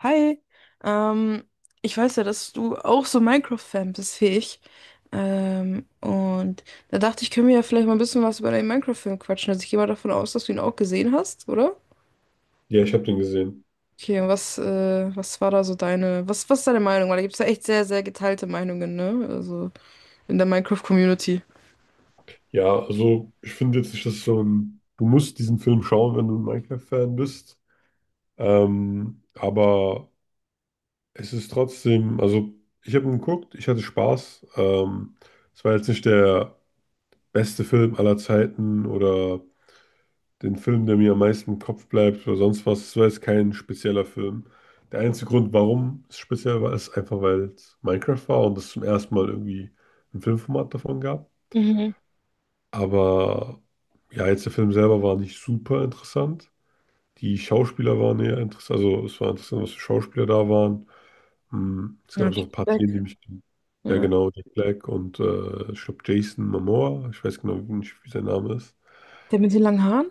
Hi, ähm, ich weiß ja, dass du auch so Minecraft-Fan bist wie ich. Und da dachte ich, können wir ja vielleicht mal ein bisschen was über deinen Minecraft-Film quatschen. Also ich gehe mal davon aus, dass du ihn auch gesehen hast, oder? Ja, ich habe den gesehen. Okay, und was, was war da so was ist deine Meinung? Weil da gibt es ja echt sehr, sehr geteilte Meinungen, ne? Also in der Minecraft-Community. Ja, also ich finde jetzt nicht, dass du musst diesen Film schauen, wenn du ein Minecraft-Fan bist. Aber also ich habe ihn geguckt, ich hatte Spaß. Es war jetzt nicht der beste Film aller Zeiten oder den Film, der mir am meisten im Kopf bleibt oder sonst was. Es war jetzt kein spezieller Film. Der einzige Grund, warum es speziell war, ist einfach, weil es Minecraft war und es zum ersten Mal irgendwie ein Filmformat davon gab. Mhm. Aber ja, jetzt der Film selber war nicht super interessant. Die Schauspieler waren eher interessant. Also es war interessant, was für Schauspieler da waren. Es Ja, gab so Jack ein paar Szenen, die Black. mich. Ja, Ja. genau, Jack Black und ich glaube Jason Momoa. Ich weiß genau nicht, wie sein Name ist. Der mit den langen Haaren?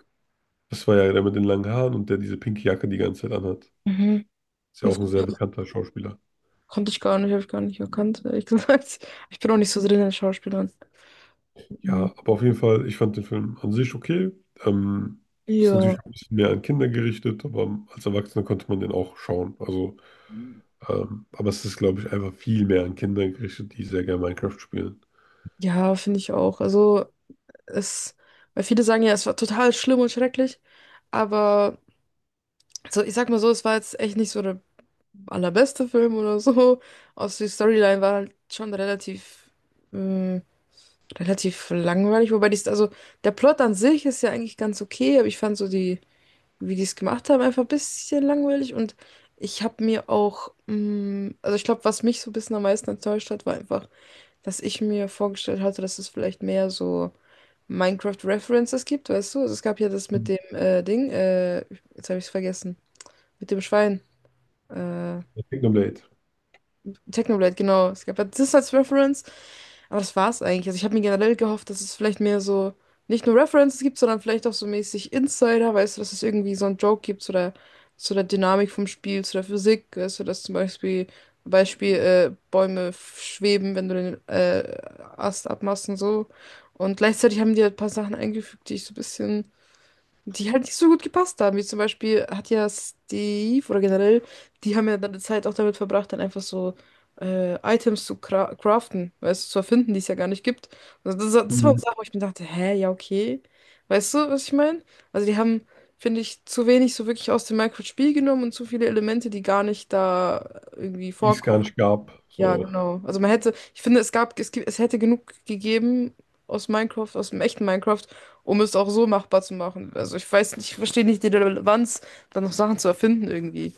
Das war ja der mit den langen Haaren und der diese pinke Jacke die ganze Zeit anhat. Mhm. Ist ja Das auch ein sehr bekannter Schauspieler. konnte ich gar nicht, habe ich gar nicht erkannt, ehrlich gesagt. Ich bin auch nicht so drin in den Schauspielern. Mhm. Ja, aber auf jeden Fall, ich fand den Film an sich okay. Ähm, ist Ja. natürlich auch ein bisschen mehr an Kinder gerichtet, aber als Erwachsener konnte man den auch schauen. Also aber es ist, glaube ich, einfach viel mehr an Kinder gerichtet, die sehr gerne Minecraft spielen. Ja, finde ich auch. Also, es, weil viele sagen ja, es war total schlimm und schrecklich, aber so, ich sag mal so, es war jetzt echt nicht so der allerbeste Film oder so. Also die Storyline war halt schon ähm, relativ langweilig, wobei die, also der Plot an sich ist ja eigentlich ganz okay, aber ich fand so die, wie die es gemacht haben, einfach ein bisschen langweilig und ich habe mir auch, also ich glaube, was mich so ein bisschen am meisten enttäuscht hat, war einfach, dass ich mir vorgestellt hatte, dass es vielleicht mehr so Minecraft-References gibt, weißt du? Also es gab ja das mit Mhm. dem Ding, jetzt habe ich es vergessen, mit dem Schwein. Äh, Kingdom Blade. Technoblade, genau. Es gab ja das als Reference, aber das war's eigentlich. Also ich habe mir generell gehofft, dass es vielleicht mehr so nicht nur References gibt, sondern vielleicht auch so mäßig Insider, weißt du, dass es irgendwie so einen Joke gibt zu der Dynamik vom Spiel, zu der Physik, weißt du, dass zum Beispiel Bäume schweben, wenn du den Ast abmachst und so. Und gleichzeitig haben die halt ein paar Sachen eingefügt, die ich so ein bisschen die halt nicht so gut gepasst haben. Wie zum Beispiel hat ja Steve oder generell, die haben ja dann die Zeit auch damit verbracht, dann einfach so Items zu craften, weißt du, zu erfinden, die es ja gar nicht gibt. Also das war eine Mhm. Sache, wo ich mir dachte, hä, ja, okay. Weißt du, was ich meine? Also die haben, finde ich, zu wenig so wirklich aus dem Minecraft-Spiel genommen und zu viele Elemente, die gar nicht da irgendwie Die es gar vorkommen. nicht gab. Ja, So. genau. Also man hätte, ich finde, es gab, es gibt, es hätte genug gegeben aus Minecraft, aus dem echten Minecraft, um es auch so machbar zu machen. Also ich weiß nicht, ich verstehe nicht die Relevanz, dann noch Sachen zu erfinden irgendwie.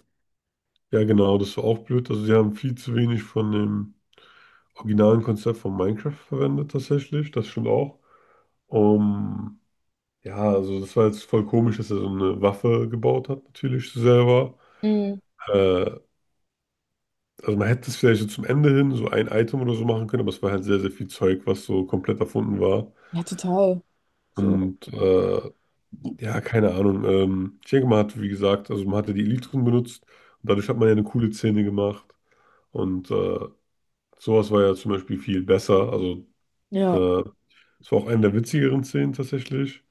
Ja, genau, das war auch blöd. Also sie haben viel zu wenig von dem originalen Konzept von Minecraft verwendet tatsächlich. Das stimmt auch. Um Ja, also das war jetzt voll komisch, dass er so eine Waffe gebaut hat, natürlich selber. Mhm. Äh, also man hätte es vielleicht so zum Ende hin so ein Item oder so machen können, aber es war halt sehr, sehr viel Zeug, was so komplett erfunden war. Ja, total. So, Und äh, Ja, keine Ahnung. Ich denke, man hat, wie gesagt, also man hatte die Elytren benutzt und dadurch hat man ja eine coole Szene gemacht. Und äh, sowas war ja zum Beispiel viel besser. Also ja. äh, es war auch eine der witzigeren Szenen tatsächlich.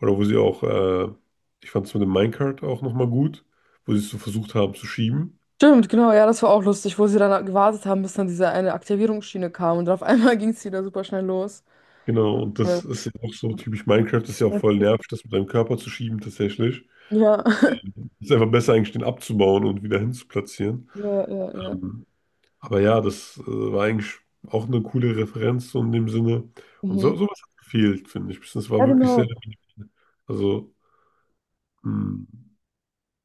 Oder wo sie auch, ich fand es mit dem Minecart auch nochmal gut, wo sie es so versucht haben zu schieben. Stimmt, genau, ja, das war auch lustig, wo sie dann gewartet haben, bis dann diese eine Aktivierungsschiene kam und dann auf einmal ging es wieder super schnell los. Genau, und das Ja, ist ja auch so typisch Minecraft, das ist ja auch voll nervig, das mit deinem Körper zu schieben tatsächlich. ja, Es ist einfach besser eigentlich, den abzubauen und wieder hinzuplatzieren. ja, ja. Ja. Ähm, Aber ja, das war eigentlich auch eine coole Referenz so in dem Sinne. Und so, Mhm. sowas hat gefehlt, finde ich. Das war Ja, wirklich sehr, genau. also mh,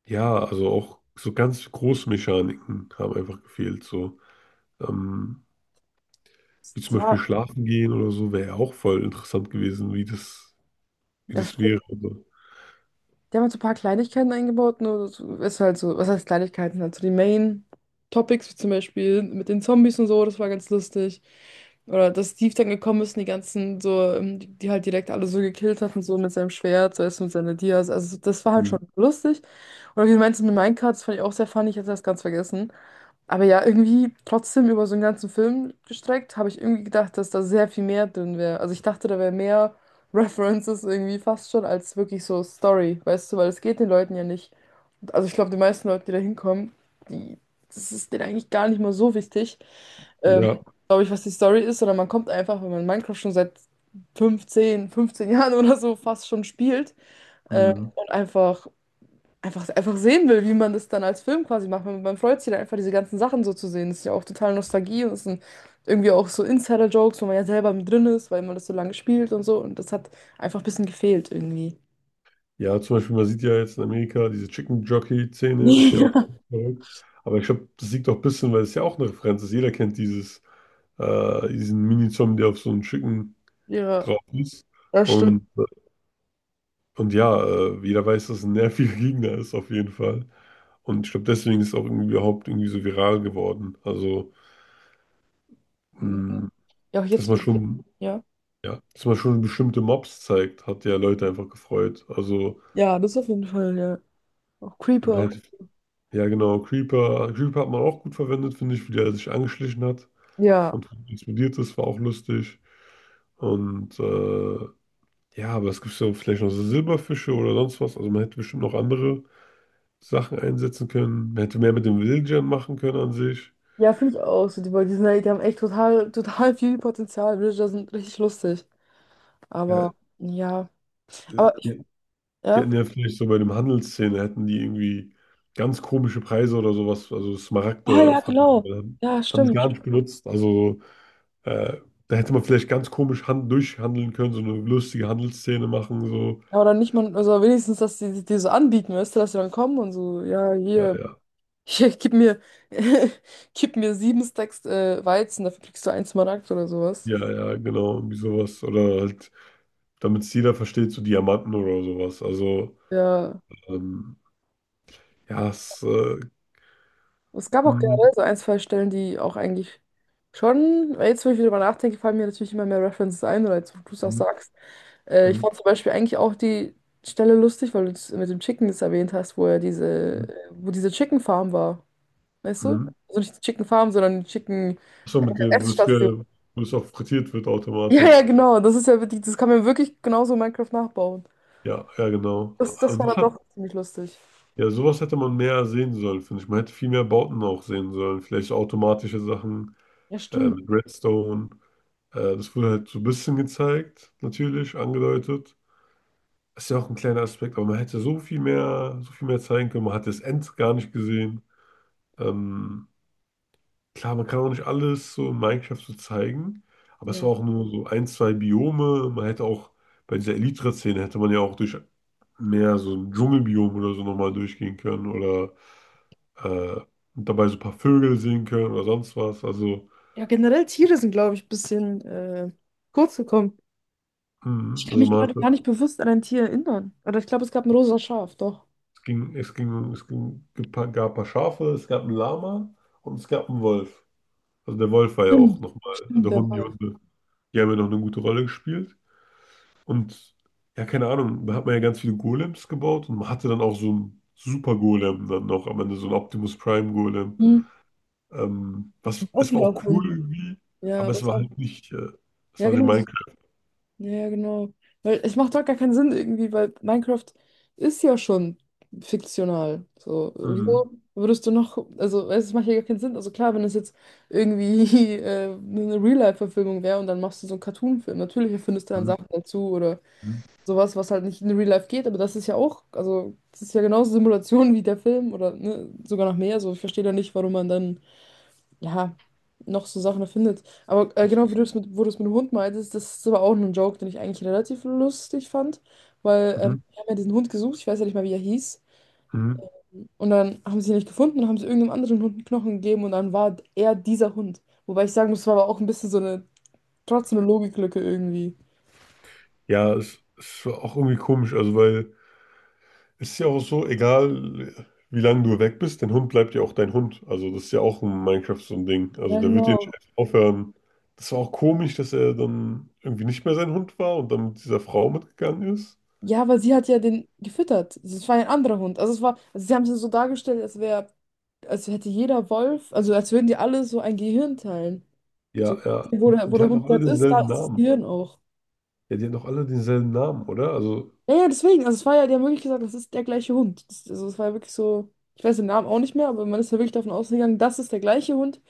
ja, also auch so ganz große Mechaniken haben einfach gefehlt. So, ähm, wie zum Ja, Beispiel schlafen gehen oder so, wäre ja auch voll interessant gewesen, wie ja, das wäre. stimmt. Also, Die haben halt so ein paar Kleinigkeiten eingebaut, nur das ist halt so, was heißt Kleinigkeiten? Also die Main-Topics, wie zum Beispiel mit den Zombies und so, das war ganz lustig. Oder dass Steve dann gekommen ist und die ganzen so, die halt direkt alle so gekillt hat und so mit seinem Schwert, so erst mit seiner Dias. Also das war halt mh, schon lustig. Oder wie du meinst mit Minecraft, das fand ich auch sehr funny, ich hatte das ganz vergessen. Aber ja, irgendwie trotzdem über so einen ganzen Film gestreckt, habe ich irgendwie gedacht, dass da sehr viel mehr drin wäre. Also ich dachte, da wäre mehr References irgendwie fast schon als wirklich so Story, weißt du, weil es geht den Leuten ja nicht. Also ich glaube, die meisten Leute, die da hinkommen, die, das ist denen eigentlich gar nicht mal so wichtig, ähm, ja. glaube ich, was die Story ist, sondern man kommt einfach, wenn man Minecraft schon seit fünfzehn Jahren oder so fast schon spielt, Mh. und einfach sehen will, wie man das dann als Film quasi macht. Man freut sich dann einfach, diese ganzen Sachen so zu sehen. Das ist ja auch total Nostalgie und das sind irgendwie auch so Insider-Jokes, wo man ja selber mit drin ist, weil man das so lange spielt und so. Und das hat einfach ein bisschen gefehlt irgendwie. Ja, zum Beispiel, man sieht ja jetzt in Amerika, diese Chicken Jockey-Szene ist ja auch verrückt. Aber ich glaube, das liegt auch ein bisschen, weil es ja auch eine Referenz ist. Jeder kennt diesen Mini-Zombie, der auf so einem Chicken Ja. drauf ist. Ja, das stimmt. Und, und ja, jeder weiß, dass es ein nerviger Gegner ist, auf jeden Fall. Und ich glaube, deswegen ist es auch irgendwie überhaupt irgendwie so viral geworden. Also, mh, Ja, auch dass jetzt, man schon, ja. ja, dass man schon bestimmte Mobs zeigt, hat ja Leute einfach gefreut. Also, Ja, das auf jeden Fall, ja. Auch ja, man Creeper. hätte Ja, genau. Creeper. Creeper hat man auch gut verwendet, finde ich, wie der sich angeschlichen hat Ja. und explodiert ist, war auch lustig. Und ja, aber es gibt ja vielleicht noch so Silberfische oder sonst was. Also man hätte bestimmt noch andere Sachen einsetzen können. Man hätte mehr mit den Villagern machen können an sich. Ja, finde ich auch. So, die, weil die sind, die haben echt total, total viel Potenzial. Villager sind richtig lustig. Ja, Aber, ja. Aber, die, die ja. hätten ja vielleicht so bei dem Handelsszene hätten die irgendwie ganz komische Preise oder sowas, also Ja, Smaragde ja, fragen. genau. Ja, Das haben die stimmt. gar nicht benutzt. Also so Äh, da hätte man vielleicht ganz komisch hand durchhandeln können, so eine lustige Handelsszene machen, so. Ja, oder nicht mal, also wenigstens, dass die so anbieten, weißt du, dass sie dann kommen und so, ja, Ja, hier, ja. hier gib mir, gib mir 7 Stacks Weizen, dafür kriegst du einen Smaragd oder sowas. Ja, ja, genau, irgendwie sowas. Oder halt, damit es jeder versteht, so Diamanten oder sowas. Also, Ja, ähm, ja, es. Es gab auch Hm, generell so ein, zwei Stellen, die auch eigentlich schon, weil jetzt, wo ich wieder darüber nachdenke, fallen mir natürlich immer mehr References ein, oder jetzt, wo du es auch hm, sagst. Ich hm, fand zum Beispiel eigentlich auch die Stelle lustig, weil du es mit dem Chicken das erwähnt hast, wo er diese, hm, wo diese Chicken Farm war, weißt du? hm. Also nicht die Chicken Farm, sondern die Chicken So mit dem, Essstation. Wo es auch frittiert wird Ja, ja, automatisch. genau. Das ist ja wirklich, das kann man wirklich genauso in Minecraft nachbauen. Ja, ja, genau. Das, Also das war das dann hat, doch ziemlich lustig. ja, sowas hätte man mehr sehen sollen, finde ich. Man hätte viel mehr Bauten auch sehen sollen. Vielleicht so automatische Sachen Ja, stimmt. mit Redstone. Das wurde halt so ein bisschen gezeigt, natürlich, angedeutet. Ist ja auch ein kleiner Aspekt, aber man hätte so viel mehr zeigen können. Man hat das End gar nicht gesehen. Ähm, klar, man kann auch nicht alles so in Minecraft so zeigen, aber es Ja, war auch nur so ein, zwei Biome. Man hätte auch bei dieser Elytra-Szene hätte man ja auch durch mehr so ein Dschungelbiom oder so nochmal durchgehen können oder äh, und dabei so ein paar Vögel sehen können oder sonst was. Also, ja generell Tiere sind, glaube ich, ein bisschen kurz gekommen. Ich kann also mich man hat gerade gar nicht bewusst an ein Tier erinnern. Oder ich glaube, es gab ein rosa Schaf, doch. Es ging, gab ein paar Schafe, es gab einen Lama und es gab einen Wolf. Also der Wolf war ja auch Stimmt, nochmal, stimmt, also der Wolf. Die haben ja noch eine gute Rolle gespielt. Und ja, keine Ahnung, da hat man ja ganz viele Golems gebaut und man hatte dann auch so einen Super Golem dann noch am Ende, so einen Optimus Prime Golem. Hm. Auch Es war wieder auch cool erfunden. irgendwie, aber Ja, es was war auch. halt nicht, es Ja, war nicht genau. Minecraft. Ja, ja, genau. Weil es macht doch gar keinen Sinn irgendwie, weil Minecraft ist ja schon fiktional. So, Mhm. wieso würdest du noch, also weißt du, es macht ja gar keinen Sinn. Also klar, wenn es jetzt irgendwie eine Real-Life-Verfilmung wäre und dann machst du so einen Cartoon-Film, natürlich erfindest du dann Mhm. Sachen dazu oder Mhm. sowas, was halt nicht in Real Life geht, aber das ist ja auch, also das ist ja genauso Simulation wie der Film oder ne, sogar noch mehr. So, ich verstehe da nicht, warum man dann ja, noch so Sachen erfindet. Aber genau wie du es mit, wo du es mit dem Hund meintest, das ist aber auch ein Joke, den ich eigentlich relativ lustig fand, weil Mhm. wir haben ja diesen Hund gesucht, ich weiß ja nicht mal, wie er hieß, Mhm. und dann haben sie ihn nicht gefunden und haben sie irgendeinem anderen Hund einen Knochen gegeben und dann war er dieser Hund. Wobei ich sagen muss, es war aber auch ein bisschen so eine, trotzdem eine Logiklücke irgendwie. Ja, es war auch irgendwie komisch, also weil. Ist ja auch so, egal wie lange du weg bist, dein Hund bleibt ja auch dein Hund. Also das ist ja auch in Minecraft so ein Ding. Also Ja, der wird ja nicht genau. einfach aufhören. Das war auch komisch, dass er dann irgendwie nicht mehr sein Hund war und dann mit dieser Frau mitgegangen ist. Ja, weil sie hat ja den gefüttert. Also, es war ja ein anderer Hund. Also es war, also sie haben es ja so dargestellt, als wäre, als hätte jeder Wolf, also als würden die alle so ein Gehirn teilen. So, Ja, ja. wo Und die der, wo und der hatten Hund auch alle gerade ist, da denselben ist das Namen. Gehirn auch. Ja, die hatten auch alle denselben Namen, oder? Also, Ja, ja, deswegen. Also es war ja, die haben wirklich gesagt, das ist der gleiche Hund. Das, also es war ja wirklich so, ich weiß den Namen auch nicht mehr, aber man ist ja wirklich davon ausgegangen, das ist der gleiche Hund,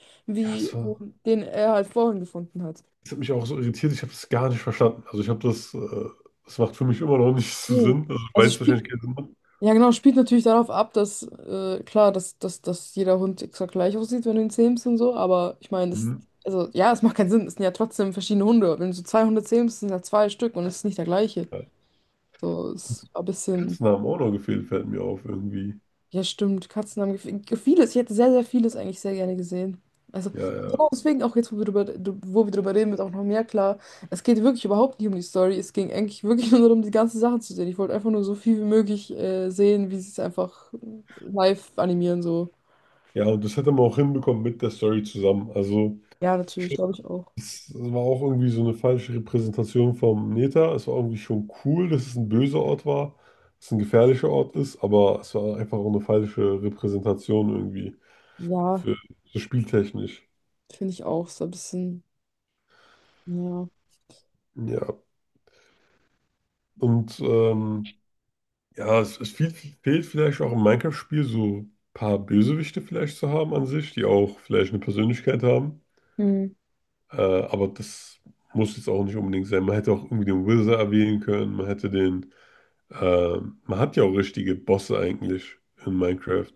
ja, wie es war. Den er halt vorhin gefunden hat. Das hat mich auch so irritiert, ich habe das gar nicht verstanden. Also ich habe das, das macht für mich immer noch nicht so Mhm. Sinn. Also ich Also weiß wahrscheinlich spielt, keinen Sinn. ja genau, spielt natürlich darauf ab, dass, klar, dass jeder Hund exakt gleich aussieht, wenn du ihn zähmst und so, aber ich meine, das, Mhm. also ja, es macht keinen Sinn, es sind ja trotzdem verschiedene Hunde. Wenn du so zwei Hunde zähmst, sind ja zwei Stück und es ist nicht der gleiche. Ja. So, es war ein bisschen. Katzennamen auch noch gefehlt, fällt mir auf irgendwie. Ja, stimmt. Katzen haben vieles. Ich hätte sehr, sehr vieles eigentlich sehr gerne gesehen. Also, Ja, ja. genau deswegen auch jetzt, wo wir drüber, wo wir drüber reden, wird auch noch mehr klar. Es geht wirklich überhaupt nicht um die Story. Es ging eigentlich wirklich nur darum, die ganzen Sachen zu sehen. Ich wollte einfach nur so viel wie möglich sehen, wie sie es einfach live animieren, so. Ja, und das hätte man auch hinbekommen mit der Story zusammen. Also, Ja, ich natürlich, glaube, glaube ich auch. es war auch irgendwie so eine falsche Repräsentation vom Neta. Es war irgendwie schon cool, dass es ein böser Ort war, dass es ein gefährlicher Ort ist, aber es war einfach auch eine falsche Repräsentation irgendwie Ja, für so spieltechnisch. finde ich auch. So ein bisschen, ja. Ja, und ja, es fehlt vielleicht auch im Minecraft-Spiel so ein paar Bösewichte vielleicht zu haben an sich, die auch vielleicht eine Persönlichkeit haben. Hm, Aber das muss jetzt auch nicht unbedingt sein. Man hätte auch irgendwie den Wizard erwähnen können. Man hätte den. Äh, man hat ja auch richtige Bosse eigentlich in Minecraft.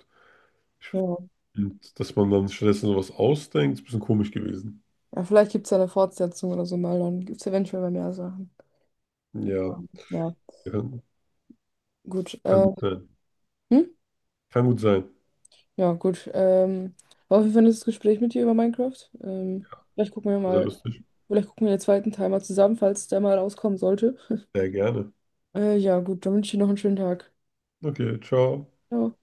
Ich, ja. und dass man dann stattdessen sowas ausdenkt, ist ein bisschen komisch gewesen. Ja, vielleicht gibt es ja eine Fortsetzung oder so mal. Dann gibt es eventuell mal mehr Sachen. Ja, Ja, kann, gut. kann gut sein. Hm? Kann gut sein. Ja, gut. War auf jeden Fall ein nettes Gespräch mit dir über Minecraft. Ähm, vielleicht gucken wir Sehr mal, lustig. vielleicht gucken wir den zweiten Teil mal zusammen, falls der mal rauskommen sollte. Sehr gerne. Ja, gut, dann wünsche ich dir noch einen schönen Tag. Okay, ciao. Ciao.